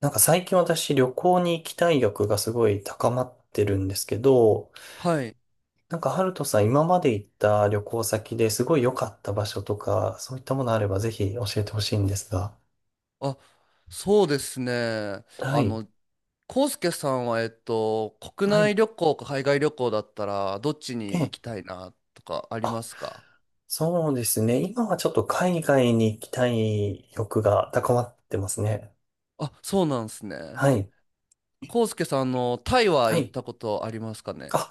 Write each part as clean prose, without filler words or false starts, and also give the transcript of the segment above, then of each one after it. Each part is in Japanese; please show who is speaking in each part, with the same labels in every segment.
Speaker 1: なんか最近私旅行に行きたい欲がすごい高まってるんですけど、
Speaker 2: はい。
Speaker 1: なんかハルトさん今まで行った旅行先ですごい良かった場所とか、そういったものあればぜひ教えてほしいんですが。
Speaker 2: あ、そうですね。
Speaker 1: は
Speaker 2: あ
Speaker 1: い。
Speaker 2: の、康介さんは、国
Speaker 1: はい。
Speaker 2: 内旅行か海外旅行だったら、どっち
Speaker 1: え
Speaker 2: に行
Speaker 1: え、
Speaker 2: きたいなとかありますか？
Speaker 1: そうですね。今はちょっと海外に行きたい欲が高まってますね。
Speaker 2: あ、そうなんですね。
Speaker 1: はい。
Speaker 2: 康介さん、タイは
Speaker 1: は
Speaker 2: 行っ
Speaker 1: い。
Speaker 2: たことありますかね？
Speaker 1: あ、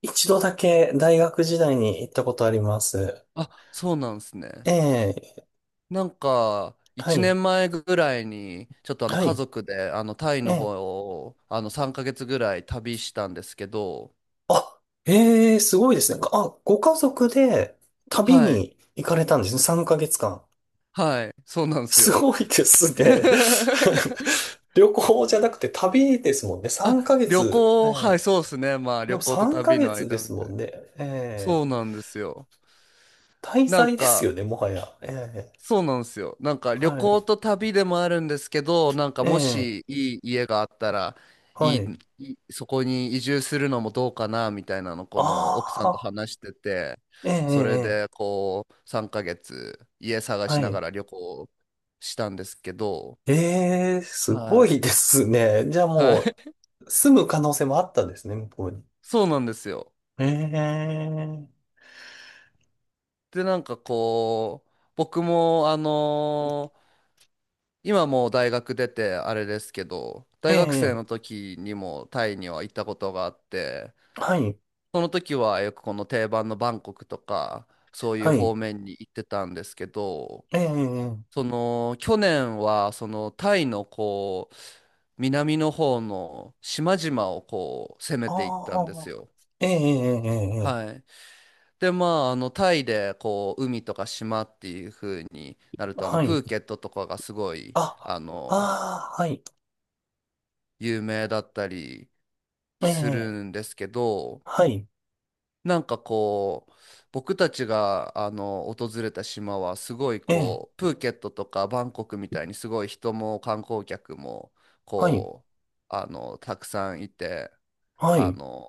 Speaker 1: 一度だけ大学時代に行ったことあります。
Speaker 2: あ、そうなんですね。
Speaker 1: ええ、
Speaker 2: なんか、
Speaker 1: は
Speaker 2: 1
Speaker 1: い。
Speaker 2: 年前ぐらいに、ちょっと
Speaker 1: は
Speaker 2: 家
Speaker 1: い。
Speaker 2: 族で、タイの方
Speaker 1: ええ
Speaker 2: を、3ヶ月ぐらい旅したんですけど、
Speaker 1: あ、ええ、すごいですね。あ、ご家族で旅
Speaker 2: はい、
Speaker 1: に行かれたんですね。3ヶ月間。
Speaker 2: はい、そうなんです
Speaker 1: す
Speaker 2: よ。
Speaker 1: ごいですね。旅行じゃなくて旅ですもんね。
Speaker 2: あ、
Speaker 1: 3ヶ
Speaker 2: 旅
Speaker 1: 月。
Speaker 2: 行、は
Speaker 1: え
Speaker 2: い、
Speaker 1: え。
Speaker 2: そうですね。まあ、
Speaker 1: で
Speaker 2: 旅
Speaker 1: も
Speaker 2: 行と
Speaker 1: 3
Speaker 2: 旅
Speaker 1: ヶ
Speaker 2: の
Speaker 1: 月で
Speaker 2: 間み
Speaker 1: す
Speaker 2: たい
Speaker 1: も
Speaker 2: な。
Speaker 1: んね。え
Speaker 2: そ
Speaker 1: え。
Speaker 2: うなんですよ。
Speaker 1: 滞
Speaker 2: なん
Speaker 1: 在です
Speaker 2: か、
Speaker 1: よね、もはや。ええ。
Speaker 2: そうなんですよ。なんか、旅
Speaker 1: は
Speaker 2: 行
Speaker 1: い。
Speaker 2: と旅でもあるんですけど、なんか、
Speaker 1: え
Speaker 2: も
Speaker 1: え。
Speaker 2: しいい家があったら、い
Speaker 1: は
Speaker 2: い、
Speaker 1: い。
Speaker 2: いいそこに移住するのもどうかな、みたいなの、こ
Speaker 1: あ
Speaker 2: の奥さんと
Speaker 1: あ。
Speaker 2: 話してて、
Speaker 1: ええ、ええ、
Speaker 2: それ
Speaker 1: ええ
Speaker 2: で、こう、3ヶ月、家探
Speaker 1: は
Speaker 2: しなが
Speaker 1: い。
Speaker 2: ら旅行したんですけど、
Speaker 1: ええ、す
Speaker 2: は
Speaker 1: ごい
Speaker 2: い。
Speaker 1: ですね。じゃあ
Speaker 2: はい。
Speaker 1: も う、住む可能性もあったんですね、向こうに。
Speaker 2: そうなんですよ。
Speaker 1: ええ、
Speaker 2: で、なんかこう、僕も、今もう大学出てあれですけど、
Speaker 1: え
Speaker 2: 大学生
Speaker 1: え、
Speaker 2: の時にもタイには行ったことがあって、
Speaker 1: はい、
Speaker 2: その時はよくこの定番のバンコクとか、そうい
Speaker 1: は
Speaker 2: う
Speaker 1: い、
Speaker 2: 方面に行ってたんですけど、
Speaker 1: ええ、
Speaker 2: その去年はそのタイのこう、南の方の島々をこう攻め
Speaker 1: あ
Speaker 2: ていったんです
Speaker 1: あ、
Speaker 2: よ。
Speaker 1: ええ、ええ、ええ
Speaker 2: はい。で、まあ、タイで、こう、海とか島っていう風になると、
Speaker 1: はい、
Speaker 2: プーケットとかがすごい、
Speaker 1: あ、
Speaker 2: あの、
Speaker 1: ああ、はい、
Speaker 2: 有名だったり、
Speaker 1: え
Speaker 2: する
Speaker 1: え、
Speaker 2: んですけど、
Speaker 1: はい、
Speaker 2: なんかこう、僕たちが訪れた島はすごい
Speaker 1: ええ、
Speaker 2: こう、プーケットとかバンコクみたいにすごい人も観光客も
Speaker 1: はい、
Speaker 2: こう、たくさんいて、
Speaker 1: は
Speaker 2: あ
Speaker 1: い、
Speaker 2: の、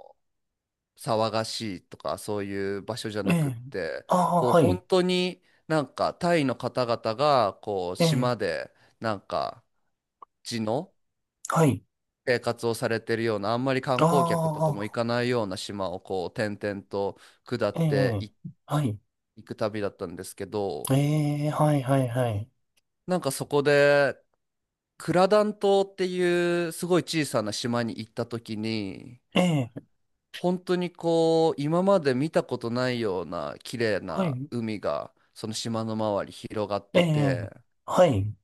Speaker 2: 騒がしいとかそういう場所じゃ
Speaker 1: え
Speaker 2: なくっ
Speaker 1: え、
Speaker 2: て、
Speaker 1: ああ、
Speaker 2: こう
Speaker 1: は
Speaker 2: 本
Speaker 1: い、
Speaker 2: 当になんかタイの方々がこう
Speaker 1: ええ、
Speaker 2: 島でなんか地の
Speaker 1: はい、
Speaker 2: 生活をされてるような、あんまり観
Speaker 1: あ
Speaker 2: 光客とかも行
Speaker 1: あ、
Speaker 2: かないような島をこう転々と下
Speaker 1: え
Speaker 2: って
Speaker 1: え、
Speaker 2: い
Speaker 1: はい、
Speaker 2: 行く旅だったんですけど、
Speaker 1: ええ、はい、はい、はい、
Speaker 2: なんかそこでクラダン島っていうすごい小さな島に行った時に、
Speaker 1: ええ、
Speaker 2: 本当にこう今まで見たことないような綺麗
Speaker 1: は
Speaker 2: な
Speaker 1: い、
Speaker 2: 海がその島の周り広がっ
Speaker 1: え
Speaker 2: てて、
Speaker 1: え、はい、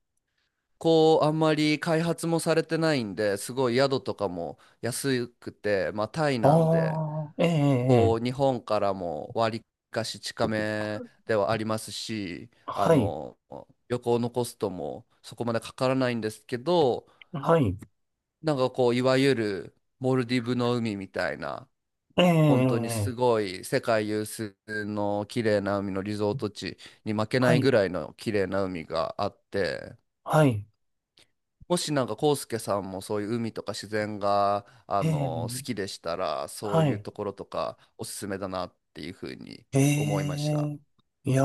Speaker 2: こうあんまり開発もされてないんですごい宿とかも安くて、まあタイなんで。
Speaker 1: ああ、え
Speaker 2: こ
Speaker 1: え、
Speaker 2: う日本からも割かし近めではありますし、
Speaker 1: はい、
Speaker 2: 旅行のコストもそこまでかからないんですけど、
Speaker 1: はい、
Speaker 2: なんかこういわゆるモルディブの海みたいな、
Speaker 1: え
Speaker 2: 本当にす
Speaker 1: え、
Speaker 2: ごい世界有数の綺麗な海のリゾート地に負けな
Speaker 1: は
Speaker 2: い
Speaker 1: い、
Speaker 2: ぐらいの綺麗な海があって、
Speaker 1: はい、
Speaker 2: もしなんかコウスケさんもそういう海とか自然が
Speaker 1: ええ、
Speaker 2: 好きでしたら、そう
Speaker 1: は
Speaker 2: いう
Speaker 1: い。
Speaker 2: ところとかおすすめだなっていうふうに
Speaker 1: え
Speaker 2: 思いました。
Speaker 1: え、いや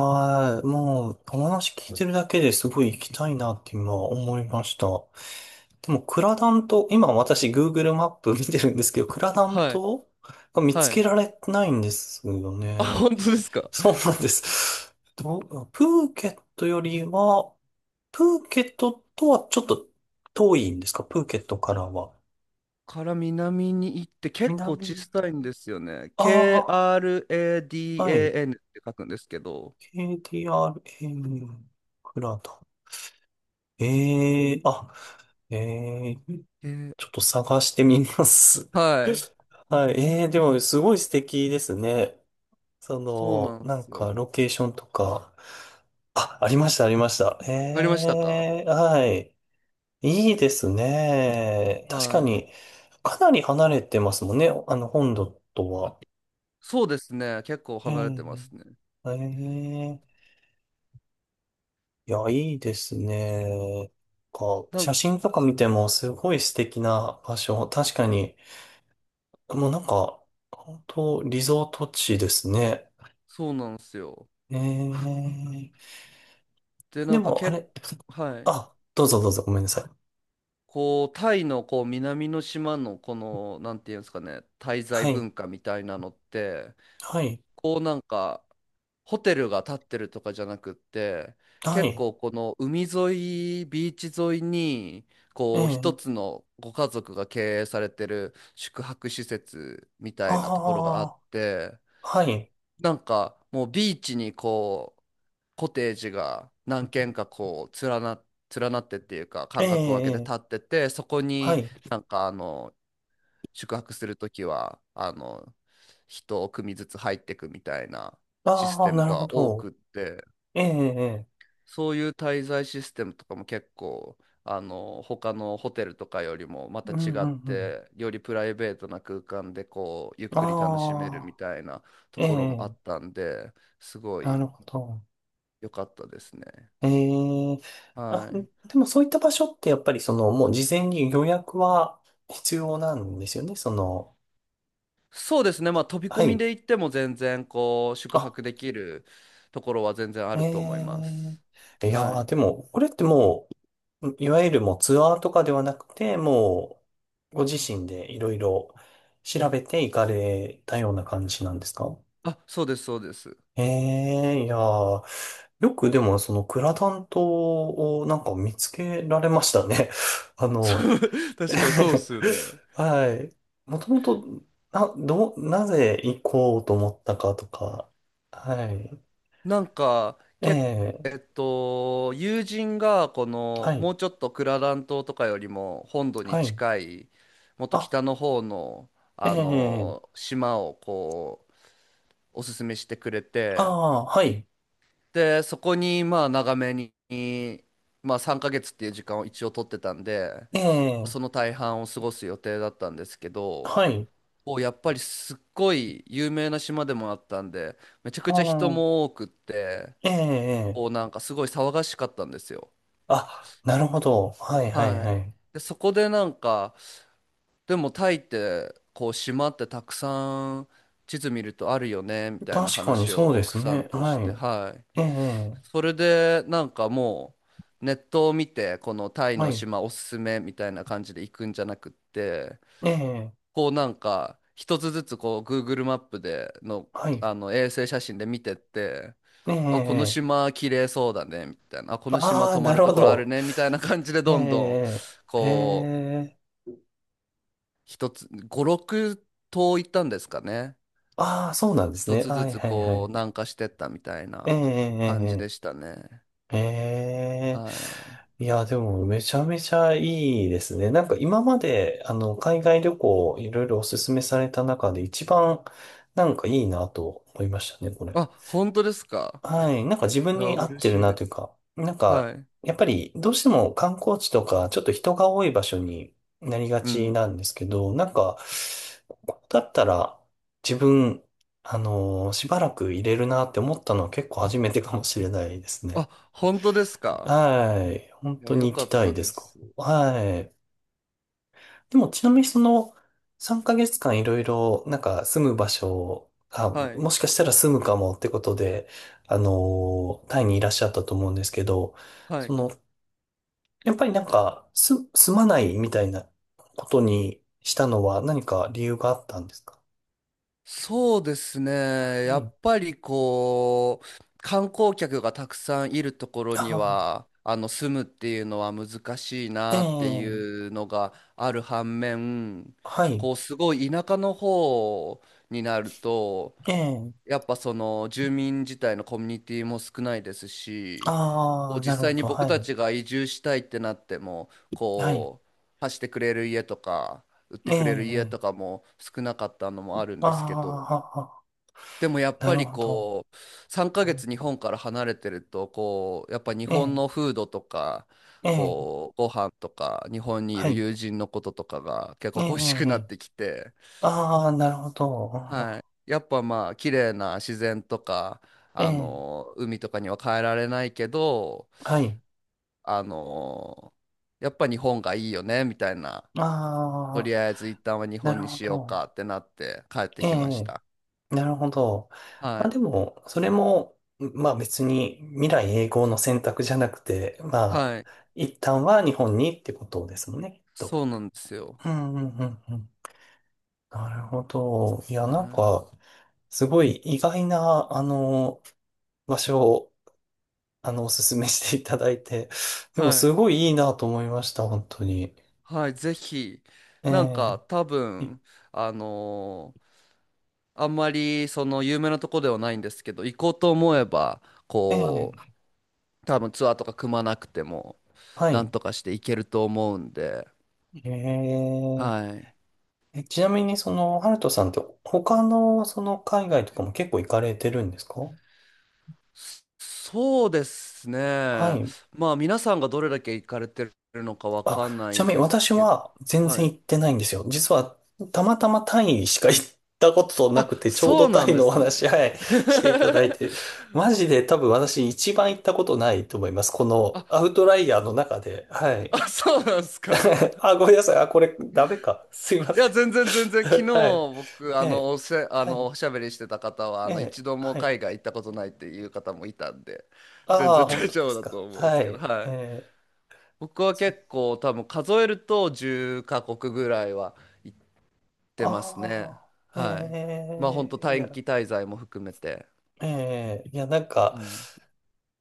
Speaker 1: ー、もう、お話聞いてるだけですごい行きたいなって今思いました。でも、クラダン島、今私 Google マップ 見てるんですけど、クラダン
Speaker 2: はい、
Speaker 1: 島が見つ
Speaker 2: は
Speaker 1: け
Speaker 2: い。
Speaker 1: られてないんですよ
Speaker 2: あ、
Speaker 1: ね。
Speaker 2: 本当ですか。
Speaker 1: そうなんです。どうプーケットよりは、プーケットとはちょっと遠いんですかプーケットからは。
Speaker 2: から南に行って結構小
Speaker 1: 南、
Speaker 2: さいんですよね。
Speaker 1: ああ、はい。
Speaker 2: KRADAN って書くんですけど。
Speaker 1: KDRA クラド。ええあ、ええ
Speaker 2: えー
Speaker 1: ちょっと探してみます。
Speaker 2: はい。
Speaker 1: はい。ええでも、すごい素敵ですね。そ
Speaker 2: そう
Speaker 1: の、
Speaker 2: なんで
Speaker 1: なん
Speaker 2: すよ。
Speaker 1: か、ロケーションとか。あ、ありました、ありました。
Speaker 2: ありましたか？
Speaker 1: ええはい。いいですね。確か
Speaker 2: はい。
Speaker 1: に、かなり離れてますもんね。あの、本土とは。
Speaker 2: そうですね。結構
Speaker 1: え
Speaker 2: 離れてますね。
Speaker 1: えええいや、いいですね。か、
Speaker 2: な
Speaker 1: 写
Speaker 2: ん
Speaker 1: 真とか見てもすごい素敵な場所。確かに、もうなんか、本当リゾート地ですね。
Speaker 2: そうなんですよ。
Speaker 1: えー、
Speaker 2: で、な
Speaker 1: で
Speaker 2: んか
Speaker 1: も、あ
Speaker 2: 結
Speaker 1: れ、
Speaker 2: 構、はい。
Speaker 1: あ、どうぞどうぞ、ごめんなさい。
Speaker 2: こう、タイのこう南の島のこの、なんていうんですかね、滞在
Speaker 1: はい、
Speaker 2: 文化みたいなのって、
Speaker 1: はい、
Speaker 2: こうなんかホテルが建ってるとかじゃなくって、
Speaker 1: は
Speaker 2: 結
Speaker 1: い、
Speaker 2: 構この海沿いビーチ沿いに
Speaker 1: え
Speaker 2: こう一つ
Speaker 1: え
Speaker 2: のご家族が経営されてる宿泊施設みたいなところがあ
Speaker 1: あ
Speaker 2: って、
Speaker 1: あー、はい、
Speaker 2: なんかもうビーチにこうコテージが何軒かこう連なってっていうか間隔を空けて
Speaker 1: ええ
Speaker 2: 建っててそこ
Speaker 1: は
Speaker 2: に、
Speaker 1: い、
Speaker 2: なんか宿泊するときは、人を組ずつ入っていくみたいなシス
Speaker 1: あ
Speaker 2: テ
Speaker 1: あ、
Speaker 2: ム
Speaker 1: なるほ
Speaker 2: が多く
Speaker 1: ど、
Speaker 2: って、
Speaker 1: ええええ
Speaker 2: そういう滞在システムとかも結構、他のホテルとかよりもまた
Speaker 1: うん、う
Speaker 2: 違っ
Speaker 1: ん、うん、
Speaker 2: て、よりプライベートな空間でこう、ゆっくり楽しめるみたいなと
Speaker 1: ああ、え
Speaker 2: ころもあっ
Speaker 1: え
Speaker 2: たんで、すご
Speaker 1: な
Speaker 2: い
Speaker 1: るほど、
Speaker 2: 良かったですね。
Speaker 1: ええ
Speaker 2: は
Speaker 1: あ、
Speaker 2: い。
Speaker 1: でもそういった場所ってやっぱりそのもう事前に予約は必要なんですよね。その、
Speaker 2: そうですね。まあ、飛び込
Speaker 1: は
Speaker 2: み
Speaker 1: い。
Speaker 2: で行っても全然こう、宿
Speaker 1: あ、
Speaker 2: 泊できるところは全然あると思いま
Speaker 1: え
Speaker 2: す。
Speaker 1: えいや
Speaker 2: は
Speaker 1: ー、で
Speaker 2: い。
Speaker 1: もこれってもう、いわゆるもうツアーとかではなくて、もうご自身でいろいろ調べて行かれたような感じなんですか
Speaker 2: あ、そうです、そうです。
Speaker 1: ええいやー、よくでもそのクラダン島をなんか見つけられましたね。あ
Speaker 2: そ
Speaker 1: の、
Speaker 2: う 確かにそうっすよね。
Speaker 1: はい。もともと、な、どう、なぜ行こうと思ったかとか。はい。
Speaker 2: なんか、
Speaker 1: ええ、
Speaker 2: 友人が、こ
Speaker 1: は
Speaker 2: の、
Speaker 1: い。
Speaker 2: もうちょっとクララン島とかよりも本土に
Speaker 1: はい。
Speaker 2: 近い、もっと
Speaker 1: あ、
Speaker 2: 北の方の、
Speaker 1: ええ、
Speaker 2: 島をこう、おすすめしてくれ
Speaker 1: あ
Speaker 2: て、
Speaker 1: あ、はい。
Speaker 2: で、そこに、まあ、長めに、まあ、3ヶ月っていう時間を一応取ってたんで、
Speaker 1: ええ、
Speaker 2: その大半を過ごす予定だったんですけど、
Speaker 1: はい。
Speaker 2: やっぱりすっごい有名な島でもあったんで、めちゃく
Speaker 1: あ
Speaker 2: ちゃ人
Speaker 1: あ、
Speaker 2: も多くって、
Speaker 1: ええ、
Speaker 2: なんかすごい騒がしかったんですよ。
Speaker 1: あ、なるほど。はい、はい、
Speaker 2: は
Speaker 1: は
Speaker 2: い、
Speaker 1: い。
Speaker 2: でそこでなんか、でもタイってこう島ってたくさん地図見るとあるよねみたいな
Speaker 1: 確かに
Speaker 2: 話
Speaker 1: そう
Speaker 2: を
Speaker 1: で
Speaker 2: 奥
Speaker 1: す
Speaker 2: さん
Speaker 1: ね。
Speaker 2: とし
Speaker 1: は
Speaker 2: て、はい、
Speaker 1: い。ええ、
Speaker 2: それでなんかもうネットを見てこのタイ
Speaker 1: は
Speaker 2: の
Speaker 1: い。
Speaker 2: 島おすすめみたいな感じで行くんじゃなくって。
Speaker 1: ええ、
Speaker 2: こうなんか一つずつこう Google マップでの、
Speaker 1: はい。
Speaker 2: あの衛星写真で見てって、
Speaker 1: え
Speaker 2: あこの
Speaker 1: え、
Speaker 2: 島綺麗そうだねみたいな、あこの島
Speaker 1: ああ、
Speaker 2: 泊ま
Speaker 1: な
Speaker 2: る
Speaker 1: るほ
Speaker 2: ところある
Speaker 1: ど。
Speaker 2: ねみたいな感じで
Speaker 1: え
Speaker 2: どんどん
Speaker 1: え、え
Speaker 2: こう
Speaker 1: え、
Speaker 2: 一つ五六島行ったんですかね、
Speaker 1: ああ、そうなんです
Speaker 2: 一
Speaker 1: ね。
Speaker 2: つ
Speaker 1: は
Speaker 2: ず
Speaker 1: い
Speaker 2: つ
Speaker 1: はいは
Speaker 2: こう
Speaker 1: い。
Speaker 2: 南下してったみたい
Speaker 1: え
Speaker 2: な感じで
Speaker 1: え
Speaker 2: し
Speaker 1: え
Speaker 2: たね。
Speaker 1: えええ。ええ
Speaker 2: はい。
Speaker 1: いや、でもめちゃめちゃいいですね。なんか今まで、あの、海外旅行いろいろおすすめされた中で一番なんかいいなと思いましたね、これ。
Speaker 2: あ、本当ですか？
Speaker 1: はい。なんか自
Speaker 2: い
Speaker 1: 分
Speaker 2: や、
Speaker 1: に合っ
Speaker 2: 嬉
Speaker 1: てる
Speaker 2: しい
Speaker 1: な
Speaker 2: で
Speaker 1: という
Speaker 2: す。
Speaker 1: か、なん
Speaker 2: は
Speaker 1: か、
Speaker 2: い。
Speaker 1: やっぱりどうしても観光地とか、ちょっと人が多い場所になりが
Speaker 2: う
Speaker 1: ち
Speaker 2: ん。
Speaker 1: なんですけど、なんか、ここだったら自分、しばらく入れるなって思ったのは結構初めてかもしれないですね。
Speaker 2: あ、本当ですか？
Speaker 1: はい。本
Speaker 2: いや、
Speaker 1: 当
Speaker 2: よ
Speaker 1: に行き
Speaker 2: かっ
Speaker 1: た
Speaker 2: た
Speaker 1: いで
Speaker 2: で
Speaker 1: すか
Speaker 2: す。
Speaker 1: はい。でもちなみにその3ヶ月間いろいろなんか住む場所が
Speaker 2: はい。
Speaker 1: もしかしたら住むかもってことで、タイにいらっしゃったと思うんですけど、
Speaker 2: は
Speaker 1: そ
Speaker 2: い、
Speaker 1: の、やっぱりなんかす住まないみたいなことにしたのは何か理由があったんですか
Speaker 2: そうですね。
Speaker 1: は
Speaker 2: や
Speaker 1: い。
Speaker 2: っぱりこう、観光客がたくさんいるところに
Speaker 1: あ
Speaker 2: は、住むっていうのは難しい
Speaker 1: あ、え
Speaker 2: なってい
Speaker 1: え、
Speaker 2: うのがある反面、
Speaker 1: はい。
Speaker 2: こう、すごい田舎の方になると、
Speaker 1: ええ、
Speaker 2: やっぱその住民自体のコミュニティも少ないですし、
Speaker 1: あ
Speaker 2: こう
Speaker 1: あ、な
Speaker 2: 実
Speaker 1: るほ
Speaker 2: 際に
Speaker 1: ど。
Speaker 2: 僕
Speaker 1: は
Speaker 2: た
Speaker 1: い。
Speaker 2: ちが移住したいってなっても、
Speaker 1: はい。
Speaker 2: こう、貸してくれる家とか、売って
Speaker 1: え
Speaker 2: くれる家
Speaker 1: え、
Speaker 2: とかも少なかったのもあるんですけど、
Speaker 1: ああ、
Speaker 2: でもやっ
Speaker 1: な
Speaker 2: ぱ
Speaker 1: る
Speaker 2: り
Speaker 1: ほど。
Speaker 2: こう3ヶ月日本から離れてるとこうやっぱ日
Speaker 1: え
Speaker 2: 本
Speaker 1: え、
Speaker 2: のフードとか、
Speaker 1: ええ、
Speaker 2: こうご飯とか日本にい
Speaker 1: は
Speaker 2: る
Speaker 1: い。
Speaker 2: 友人のこととかが結
Speaker 1: え
Speaker 2: 構
Speaker 1: え、
Speaker 2: 恋しくな
Speaker 1: え
Speaker 2: って
Speaker 1: え
Speaker 2: きて、
Speaker 1: ああ、なるほど。
Speaker 2: はい、やっぱまあ綺麗な自然とか
Speaker 1: うんえ
Speaker 2: あ
Speaker 1: え、
Speaker 2: の海とかには帰られないけど、
Speaker 1: はい。
Speaker 2: あのやっぱ日本がいいよねみたいな、
Speaker 1: あ
Speaker 2: とり
Speaker 1: あ、
Speaker 2: あえず一旦は日
Speaker 1: な
Speaker 2: 本
Speaker 1: る
Speaker 2: に
Speaker 1: ほ
Speaker 2: しよう
Speaker 1: ど。
Speaker 2: かってなって帰って
Speaker 1: え
Speaker 2: きまし
Speaker 1: え、
Speaker 2: た。
Speaker 1: なるほど。
Speaker 2: は
Speaker 1: まあ
Speaker 2: い、
Speaker 1: でも、それも、まあ別に未来永劫の選択じゃなくて、ま
Speaker 2: は
Speaker 1: あ、
Speaker 2: い、
Speaker 1: 一旦は日本にってことですもんね、きっと。
Speaker 2: そうなんですよ。
Speaker 1: うんうんうんうん。なるほど。いや、
Speaker 2: は
Speaker 1: なんか、すごい意外な、あの、場所を、あの、おすすめしていただいて、
Speaker 2: い
Speaker 1: でも
Speaker 2: は
Speaker 1: す
Speaker 2: い
Speaker 1: ごいいいなと思いました、本当に。
Speaker 2: はい、ぜひ、なんか
Speaker 1: ええ
Speaker 2: 多分、あのーあんまりその有名なとこではないんですけど、行こうと思えば、
Speaker 1: え
Speaker 2: こ
Speaker 1: え
Speaker 2: う、多分ツアーとか組まなくても、
Speaker 1: は
Speaker 2: なん
Speaker 1: い。
Speaker 2: とかして行けると思うんで、
Speaker 1: え
Speaker 2: はい。
Speaker 1: ー、え、ちなみに、その、ハルトさんって、他の、その、海外とかも結構行かれてるんですか
Speaker 2: そうですね。
Speaker 1: はい。
Speaker 2: まあ皆さんがどれだけ行かれてるのかわ
Speaker 1: あ、
Speaker 2: かんな
Speaker 1: ちな
Speaker 2: い
Speaker 1: みに、
Speaker 2: です
Speaker 1: 私
Speaker 2: けど、
Speaker 1: は全
Speaker 2: は
Speaker 1: 然行
Speaker 2: い。
Speaker 1: ってないんですよ。実は、たまたまタイしか行ったことな
Speaker 2: あ、
Speaker 1: くて、ちょう
Speaker 2: そ
Speaker 1: ど
Speaker 2: う
Speaker 1: タ
Speaker 2: なん
Speaker 1: イ
Speaker 2: で
Speaker 1: のお
Speaker 2: す
Speaker 1: 話、
Speaker 2: ね。
Speaker 1: はい、していただい て、マジで多分私一番行ったことないと思います。この、ア
Speaker 2: あ、
Speaker 1: ウトライヤーの中で。はい。
Speaker 2: あ、そうなんですか。
Speaker 1: あ、ごめんなさい。あ、これ、ダメか。すいま
Speaker 2: い
Speaker 1: せ
Speaker 2: や、
Speaker 1: ん。
Speaker 2: 全然全然、昨日
Speaker 1: はい。
Speaker 2: 僕、
Speaker 1: え
Speaker 2: あの、
Speaker 1: え、
Speaker 2: おせ、あ
Speaker 1: は
Speaker 2: の、
Speaker 1: い。
Speaker 2: おしゃべりしてた方は、
Speaker 1: ええ、
Speaker 2: 一度も
Speaker 1: はい。
Speaker 2: 海外行ったことないっていう方もいたんで、全
Speaker 1: あ
Speaker 2: 然
Speaker 1: あ、本
Speaker 2: 大
Speaker 1: 当で
Speaker 2: 丈夫
Speaker 1: す
Speaker 2: だと
Speaker 1: か。
Speaker 2: 思うんで
Speaker 1: は
Speaker 2: す
Speaker 1: い。
Speaker 2: けど、は
Speaker 1: え
Speaker 2: い。
Speaker 1: え、
Speaker 2: 僕は
Speaker 1: そう。
Speaker 2: 結構多分数えると10カ国ぐらいは行ってますね。
Speaker 1: ああ、
Speaker 2: はい。
Speaker 1: え
Speaker 2: まあ、本当
Speaker 1: え、い
Speaker 2: 短
Speaker 1: や、
Speaker 2: 期滞在も含めて。
Speaker 1: ええ、いや、なん
Speaker 2: う
Speaker 1: か、
Speaker 2: ん。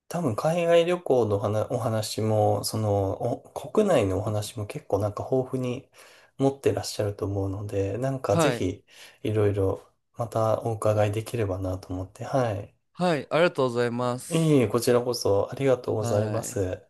Speaker 1: 多分海外旅行の話お話も、その、お国内のお話も結構なんか豊富に持ってらっしゃると思うので、なんかぜ
Speaker 2: はい。
Speaker 1: ひ、いろいろまたお伺いできればなと思って、はい。
Speaker 2: はい。ありがとうございま
Speaker 1: いえい
Speaker 2: す。
Speaker 1: え、こちらこそありがとうござい
Speaker 2: は
Speaker 1: ま
Speaker 2: い。
Speaker 1: す。